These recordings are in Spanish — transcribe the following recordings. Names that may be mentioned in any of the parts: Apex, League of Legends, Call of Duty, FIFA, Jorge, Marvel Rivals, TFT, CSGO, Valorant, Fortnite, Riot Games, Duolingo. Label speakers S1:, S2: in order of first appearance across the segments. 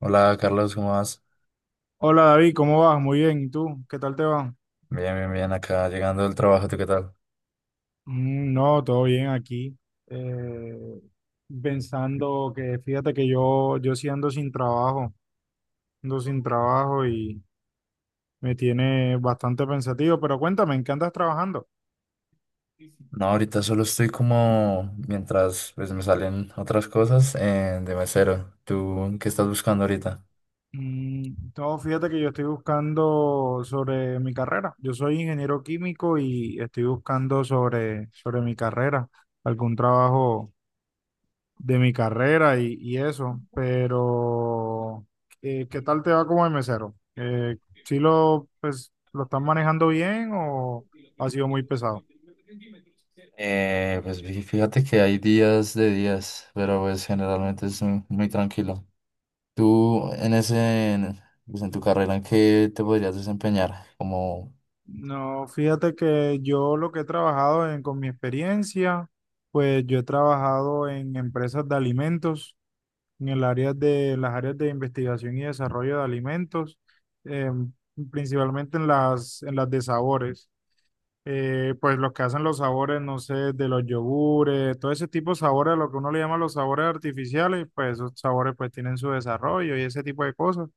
S1: Hola Carlos, ¿cómo vas?
S2: Hola David, ¿cómo vas? Muy bien, ¿y tú? ¿Qué tal te va?
S1: Bien, bien, bien, acá llegando del trabajo, ¿tú qué tal?
S2: No, todo bien aquí. Eh, Pensando que fíjate que yo sí ando sin trabajo y me tiene bastante pensativo, pero cuéntame, ¿en qué andas trabajando?
S1: No, ahorita solo estoy como mientras pues me salen otras cosas de mesero. ¿Tú qué estás buscando ahorita?
S2: No, fíjate que yo estoy buscando sobre mi carrera. Yo soy ingeniero químico y estoy buscando sobre mi carrera, algún trabajo de mi carrera y eso, pero ¿qué tal te va como de mesero? ¿Sí pues, lo estás manejando bien o ha sido muy pesado?
S1: Pues fíjate que hay días de días, pero pues generalmente es muy, muy tranquilo. ¿Tú en pues, en tu carrera, en qué te podrías desempeñar? Como
S2: No, fíjate que yo lo que he trabajado con mi experiencia, pues yo he trabajado en empresas de alimentos, en el área de las áreas de investigación y desarrollo de alimentos, em, principalmente en las de sabores. Pues los que hacen los sabores, no sé, de los yogures, todo ese tipo de sabores, lo que uno le llama los sabores artificiales, pues esos sabores pues tienen su desarrollo y ese tipo de cosas.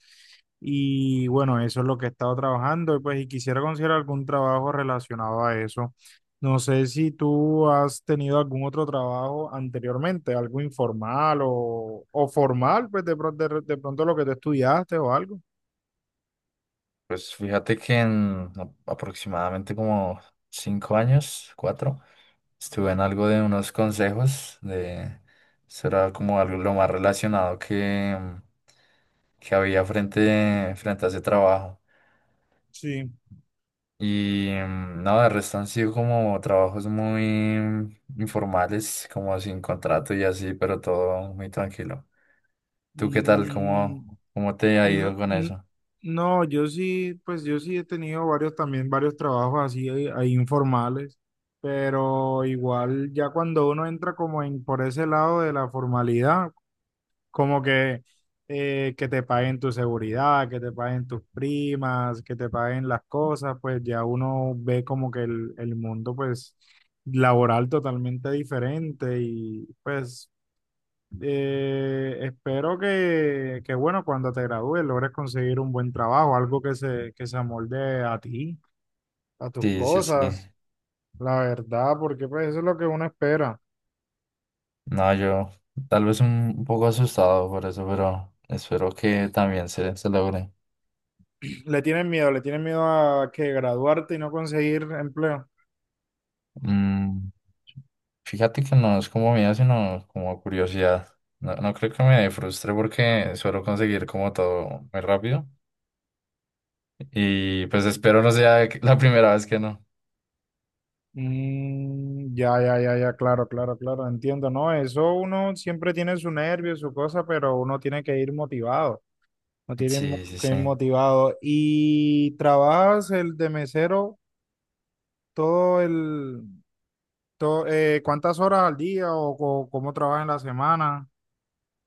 S2: Y bueno, eso es lo que he estado trabajando y pues y quisiera conseguir algún trabajo relacionado a eso. No sé si tú has tenido algún otro trabajo anteriormente, algo informal o formal, pues de pronto lo que tú estudiaste o algo.
S1: pues fíjate que en aproximadamente como cinco años, cuatro, estuve en algo de unos consejos de, eso era como algo lo más relacionado que, que había frente a ese trabajo.
S2: Sí.
S1: Y mm, no, de resto han sido como trabajos muy informales, como sin contrato y así, pero todo muy tranquilo. ¿Tú qué tal?
S2: Mm,
S1: Cómo te ha
S2: No,
S1: ido con eso?
S2: no, yo sí, pues yo sí he tenido varios también, varios trabajos así ahí informales, pero igual ya cuando uno entra como en por ese lado de la formalidad, como que te paguen tu seguridad, que te paguen tus primas, que te paguen las cosas, pues ya uno ve como que el mundo pues laboral totalmente diferente y pues espero que, bueno, cuando te gradúes logres conseguir un buen trabajo, algo que se amolde a ti, a tus
S1: Sí, sí, sí.
S2: cosas, la verdad, porque pues eso es lo que uno espera.
S1: No, yo tal vez un poco asustado por eso, pero espero que también se logre.
S2: Le tienen miedo a que graduarte y no conseguir empleo.
S1: Mm, fíjate que no es como miedo, sino como curiosidad. No, creo que me frustre porque suelo conseguir como todo muy rápido y pues espero no sea la primera vez que no.
S2: Ya, ya, ya, ya, claro, claro, claro, entiendo, ¿no? Eso uno siempre tiene su nervio, su cosa, pero uno tiene que ir motivado, no tiene
S1: Sí, sí,
S2: que
S1: sí.
S2: ir motivado. ¿Y trabajas el de mesero todo el, ¿cuántas horas al día o, cómo trabajas en la semana?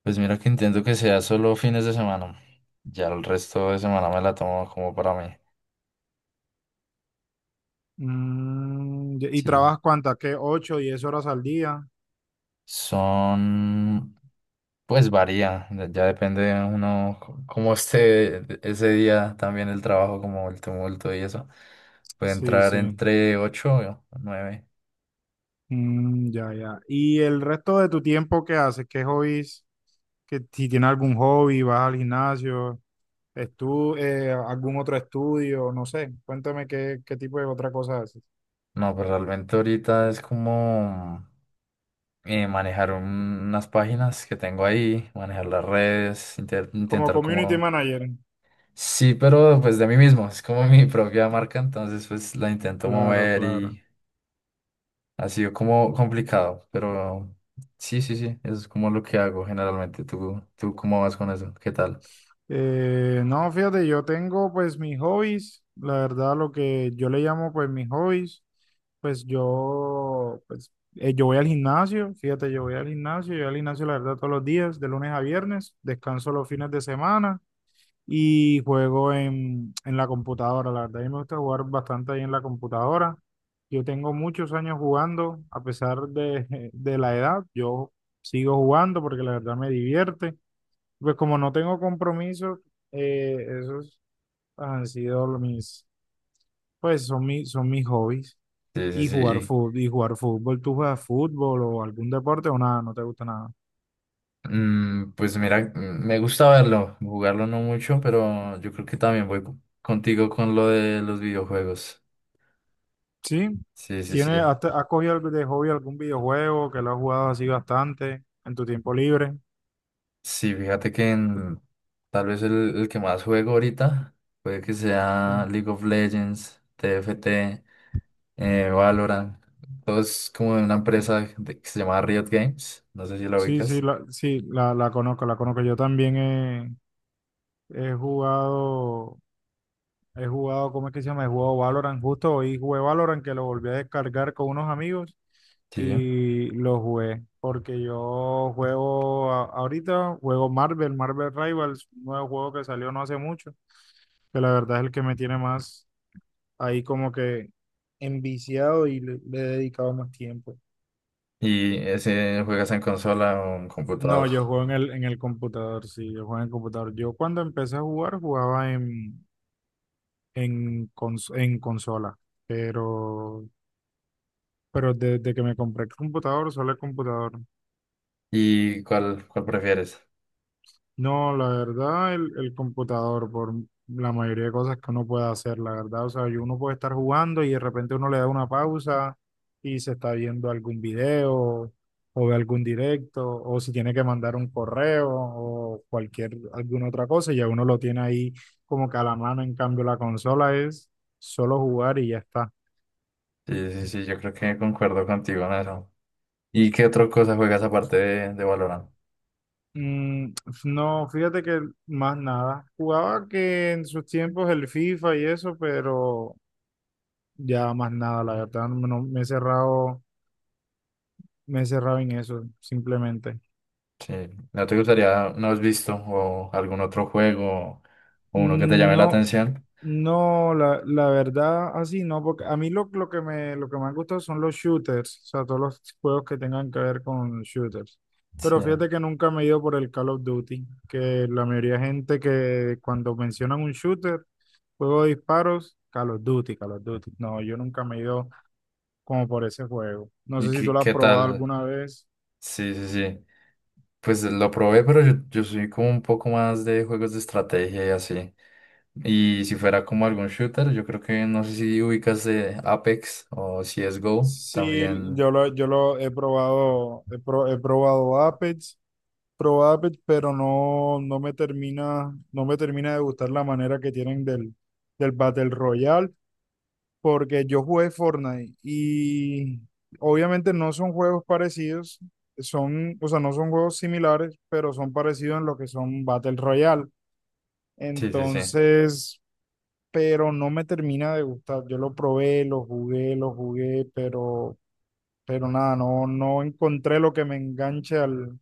S1: Pues mira que intento que sea solo fines de semana. Ya el resto de semana me la tomo como para mí.
S2: Y y
S1: Sí.
S2: trabajas cuántas, ¿qué? ¿Ocho, 10 horas al día?
S1: Son, pues varía, ya depende de uno cómo esté ese día también el trabajo, como el tumulto y eso. Puede
S2: Sí,
S1: entrar
S2: sí.
S1: entre 8 o 9.
S2: Ya, ya. ¿Y el resto de tu tiempo qué haces? ¿Qué hobbies? ¿Que si tienes algún hobby, vas al gimnasio, estu algún otro estudio, no sé. Cuéntame qué tipo de otra cosa haces.
S1: No, pero realmente ahorita es como manejar unas páginas que tengo ahí, manejar las redes,
S2: Como
S1: intentar
S2: community
S1: como...
S2: manager.
S1: Sí, pero pues de mí mismo, es como mi propia marca, entonces pues la intento
S2: Claro,
S1: mover
S2: claro.
S1: y ha sido como complicado, pero sí, sí, sí, eso es como lo que hago generalmente. ¿Tú, cómo vas con eso? ¿Qué tal?
S2: No, fíjate, yo tengo pues mis hobbies, la verdad lo que yo le llamo pues mis hobbies, pues yo voy al gimnasio, fíjate, yo voy al gimnasio, yo voy al gimnasio la verdad todos los días, de lunes a viernes, descanso los fines de semana y juego en la computadora, la verdad a mí me gusta jugar bastante ahí en la computadora, yo tengo muchos años jugando, a pesar de, de la edad, yo sigo jugando porque la verdad me divierte. Pues como no tengo compromiso, esos han sido los mis, pues son mis hobbies.
S1: Sí, sí, sí.
S2: Y jugar fútbol, ¿tú juegas fútbol o algún deporte o nada? ¿No te gusta nada?
S1: Mm, pues mira, me gusta verlo, jugarlo no mucho, pero yo creo que también voy contigo con lo de los videojuegos.
S2: Sí.
S1: Sí, sí, sí.
S2: ¿Tiene, has cogido algo de hobby algún videojuego que lo has jugado así bastante en tu tiempo libre?
S1: Sí, fíjate que tal vez el que más juego ahorita puede que
S2: Sí.
S1: sea League of Legends, TFT. Eh, Valorant. Todo es como de una empresa que se llama Riot Games. No sé si la
S2: Sí, sí,
S1: ubicas.
S2: sí, la conozco, la conozco. Yo también he, he jugado. He jugado, ¿cómo es que se llama? He jugado Valorant, justo hoy jugué Valorant, que lo volví a descargar con unos amigos
S1: Sí.
S2: y lo jugué, porque yo juego ahorita, juego Marvel, Marvel Rivals, un nuevo juego que salió no hace mucho, que la verdad es el que me tiene más ahí como que enviciado y le he dedicado más tiempo.
S1: ¿Y ese juegas en consola o en
S2: No,
S1: computador?
S2: yo juego en el computador, sí, yo juego en el computador. Yo cuando empecé a jugar jugaba en consola, pero... Pero desde que me compré el computador, solo el computador.
S1: ¿Y cuál prefieres?
S2: No, la verdad, el computador, por la mayoría de cosas que uno puede hacer, la verdad. O sea, y uno puede estar jugando y de repente uno le da una pausa y se está viendo algún video o ve algún directo, o si tiene que mandar un correo o cualquier, alguna otra cosa, y ya uno lo tiene ahí como que a la mano. En cambio, la consola es solo jugar y ya está.
S1: Sí, sí, sí, yo creo que concuerdo contigo en eso. ¿Y qué otra cosa juegas aparte de Valorant?
S2: Mm, no, fíjate que más nada. Jugaba que en sus tiempos el FIFA y eso, pero ya más nada, la verdad, no, no, me he cerrado en eso, simplemente.
S1: Sí. ¿No te gustaría, no has visto, o algún otro juego o uno que te llame la
S2: No,
S1: atención?
S2: no, la verdad, así no, porque a mí lo que me han gustado son los shooters, o sea, todos los juegos que tengan que ver con shooters.
S1: Sí.
S2: Pero fíjate que nunca me he ido por el Call of Duty, que la mayoría de gente que cuando mencionan un shooter, juego de disparos, Call of Duty, Call of Duty. No, yo nunca me he ido como por ese juego. No
S1: ¿Y
S2: sé si tú
S1: qué,
S2: lo has
S1: qué
S2: probado
S1: tal?
S2: alguna vez.
S1: Sí, sí, sí. Pues lo probé, pero yo soy como un poco más de juegos de estrategia y así. Y si fuera como algún shooter, yo creo que no sé si ubicas de Apex o CSGO
S2: Sí,
S1: también.
S2: yo lo he probado, he probado Apex. Probable, pero no, no me termina de gustar la manera que tienen del Battle Royale, porque yo jugué Fortnite y obviamente no son juegos parecidos, o sea, no son juegos similares, pero son parecidos en lo que son Battle Royale.
S1: Sí, sí, sí.
S2: Entonces, pero no me termina de gustar. Yo lo probé, lo jugué, pero nada, no, no encontré lo que me enganche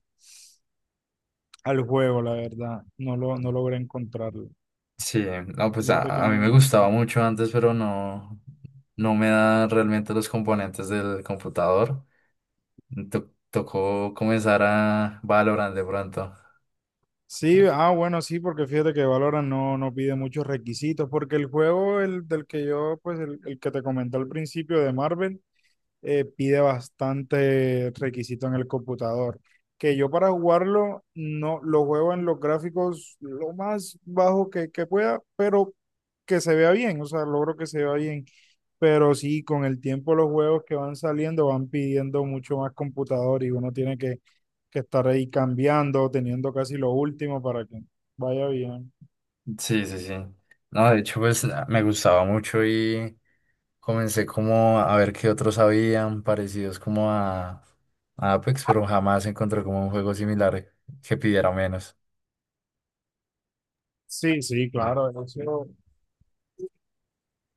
S2: al juego, la verdad. No logré encontrarlo.
S1: Sí, no, pues
S2: Fíjate que
S1: a mí
S2: no.
S1: me gustaba mucho antes, pero no me da realmente los componentes del computador. Tocó comenzar a Valorant de pronto.
S2: Sí, ah, bueno, sí, porque fíjate que Valorant no, no pide muchos requisitos, porque el juego el, del que yo, pues el que te comenté al principio de Marvel, pide bastante requisito en el computador. Que yo para jugarlo no lo juego en los gráficos lo más bajo que pueda, pero que se vea bien, o sea, logro que se vea bien. Pero sí, con el tiempo los juegos que van saliendo van pidiendo mucho más computador y uno tiene que estar ahí cambiando, teniendo casi lo último para que vaya bien.
S1: Sí, sí, sí. No, de hecho, pues me gustaba mucho y comencé como a ver qué otros habían parecidos como a Apex, pero jamás encontré como un juego similar que pidiera menos.
S2: Sí, sí, claro, eso,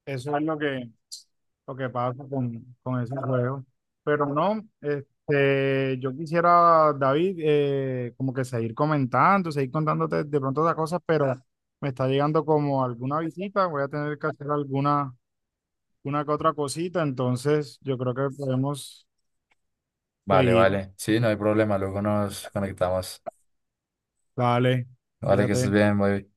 S2: eso es lo que pasa con esos juegos. Pero no, este, yo quisiera, David, como que seguir comentando, seguir contándote de pronto otras cosas, pero me está llegando como alguna visita, voy a tener que hacer alguna, una que otra cosita, entonces yo creo que podemos
S1: Vale,
S2: seguir.
S1: vale. Sí, no hay problema. Luego nos conectamos.
S2: Dale,
S1: Vale, que estés
S2: fíjate.
S1: bien, bye.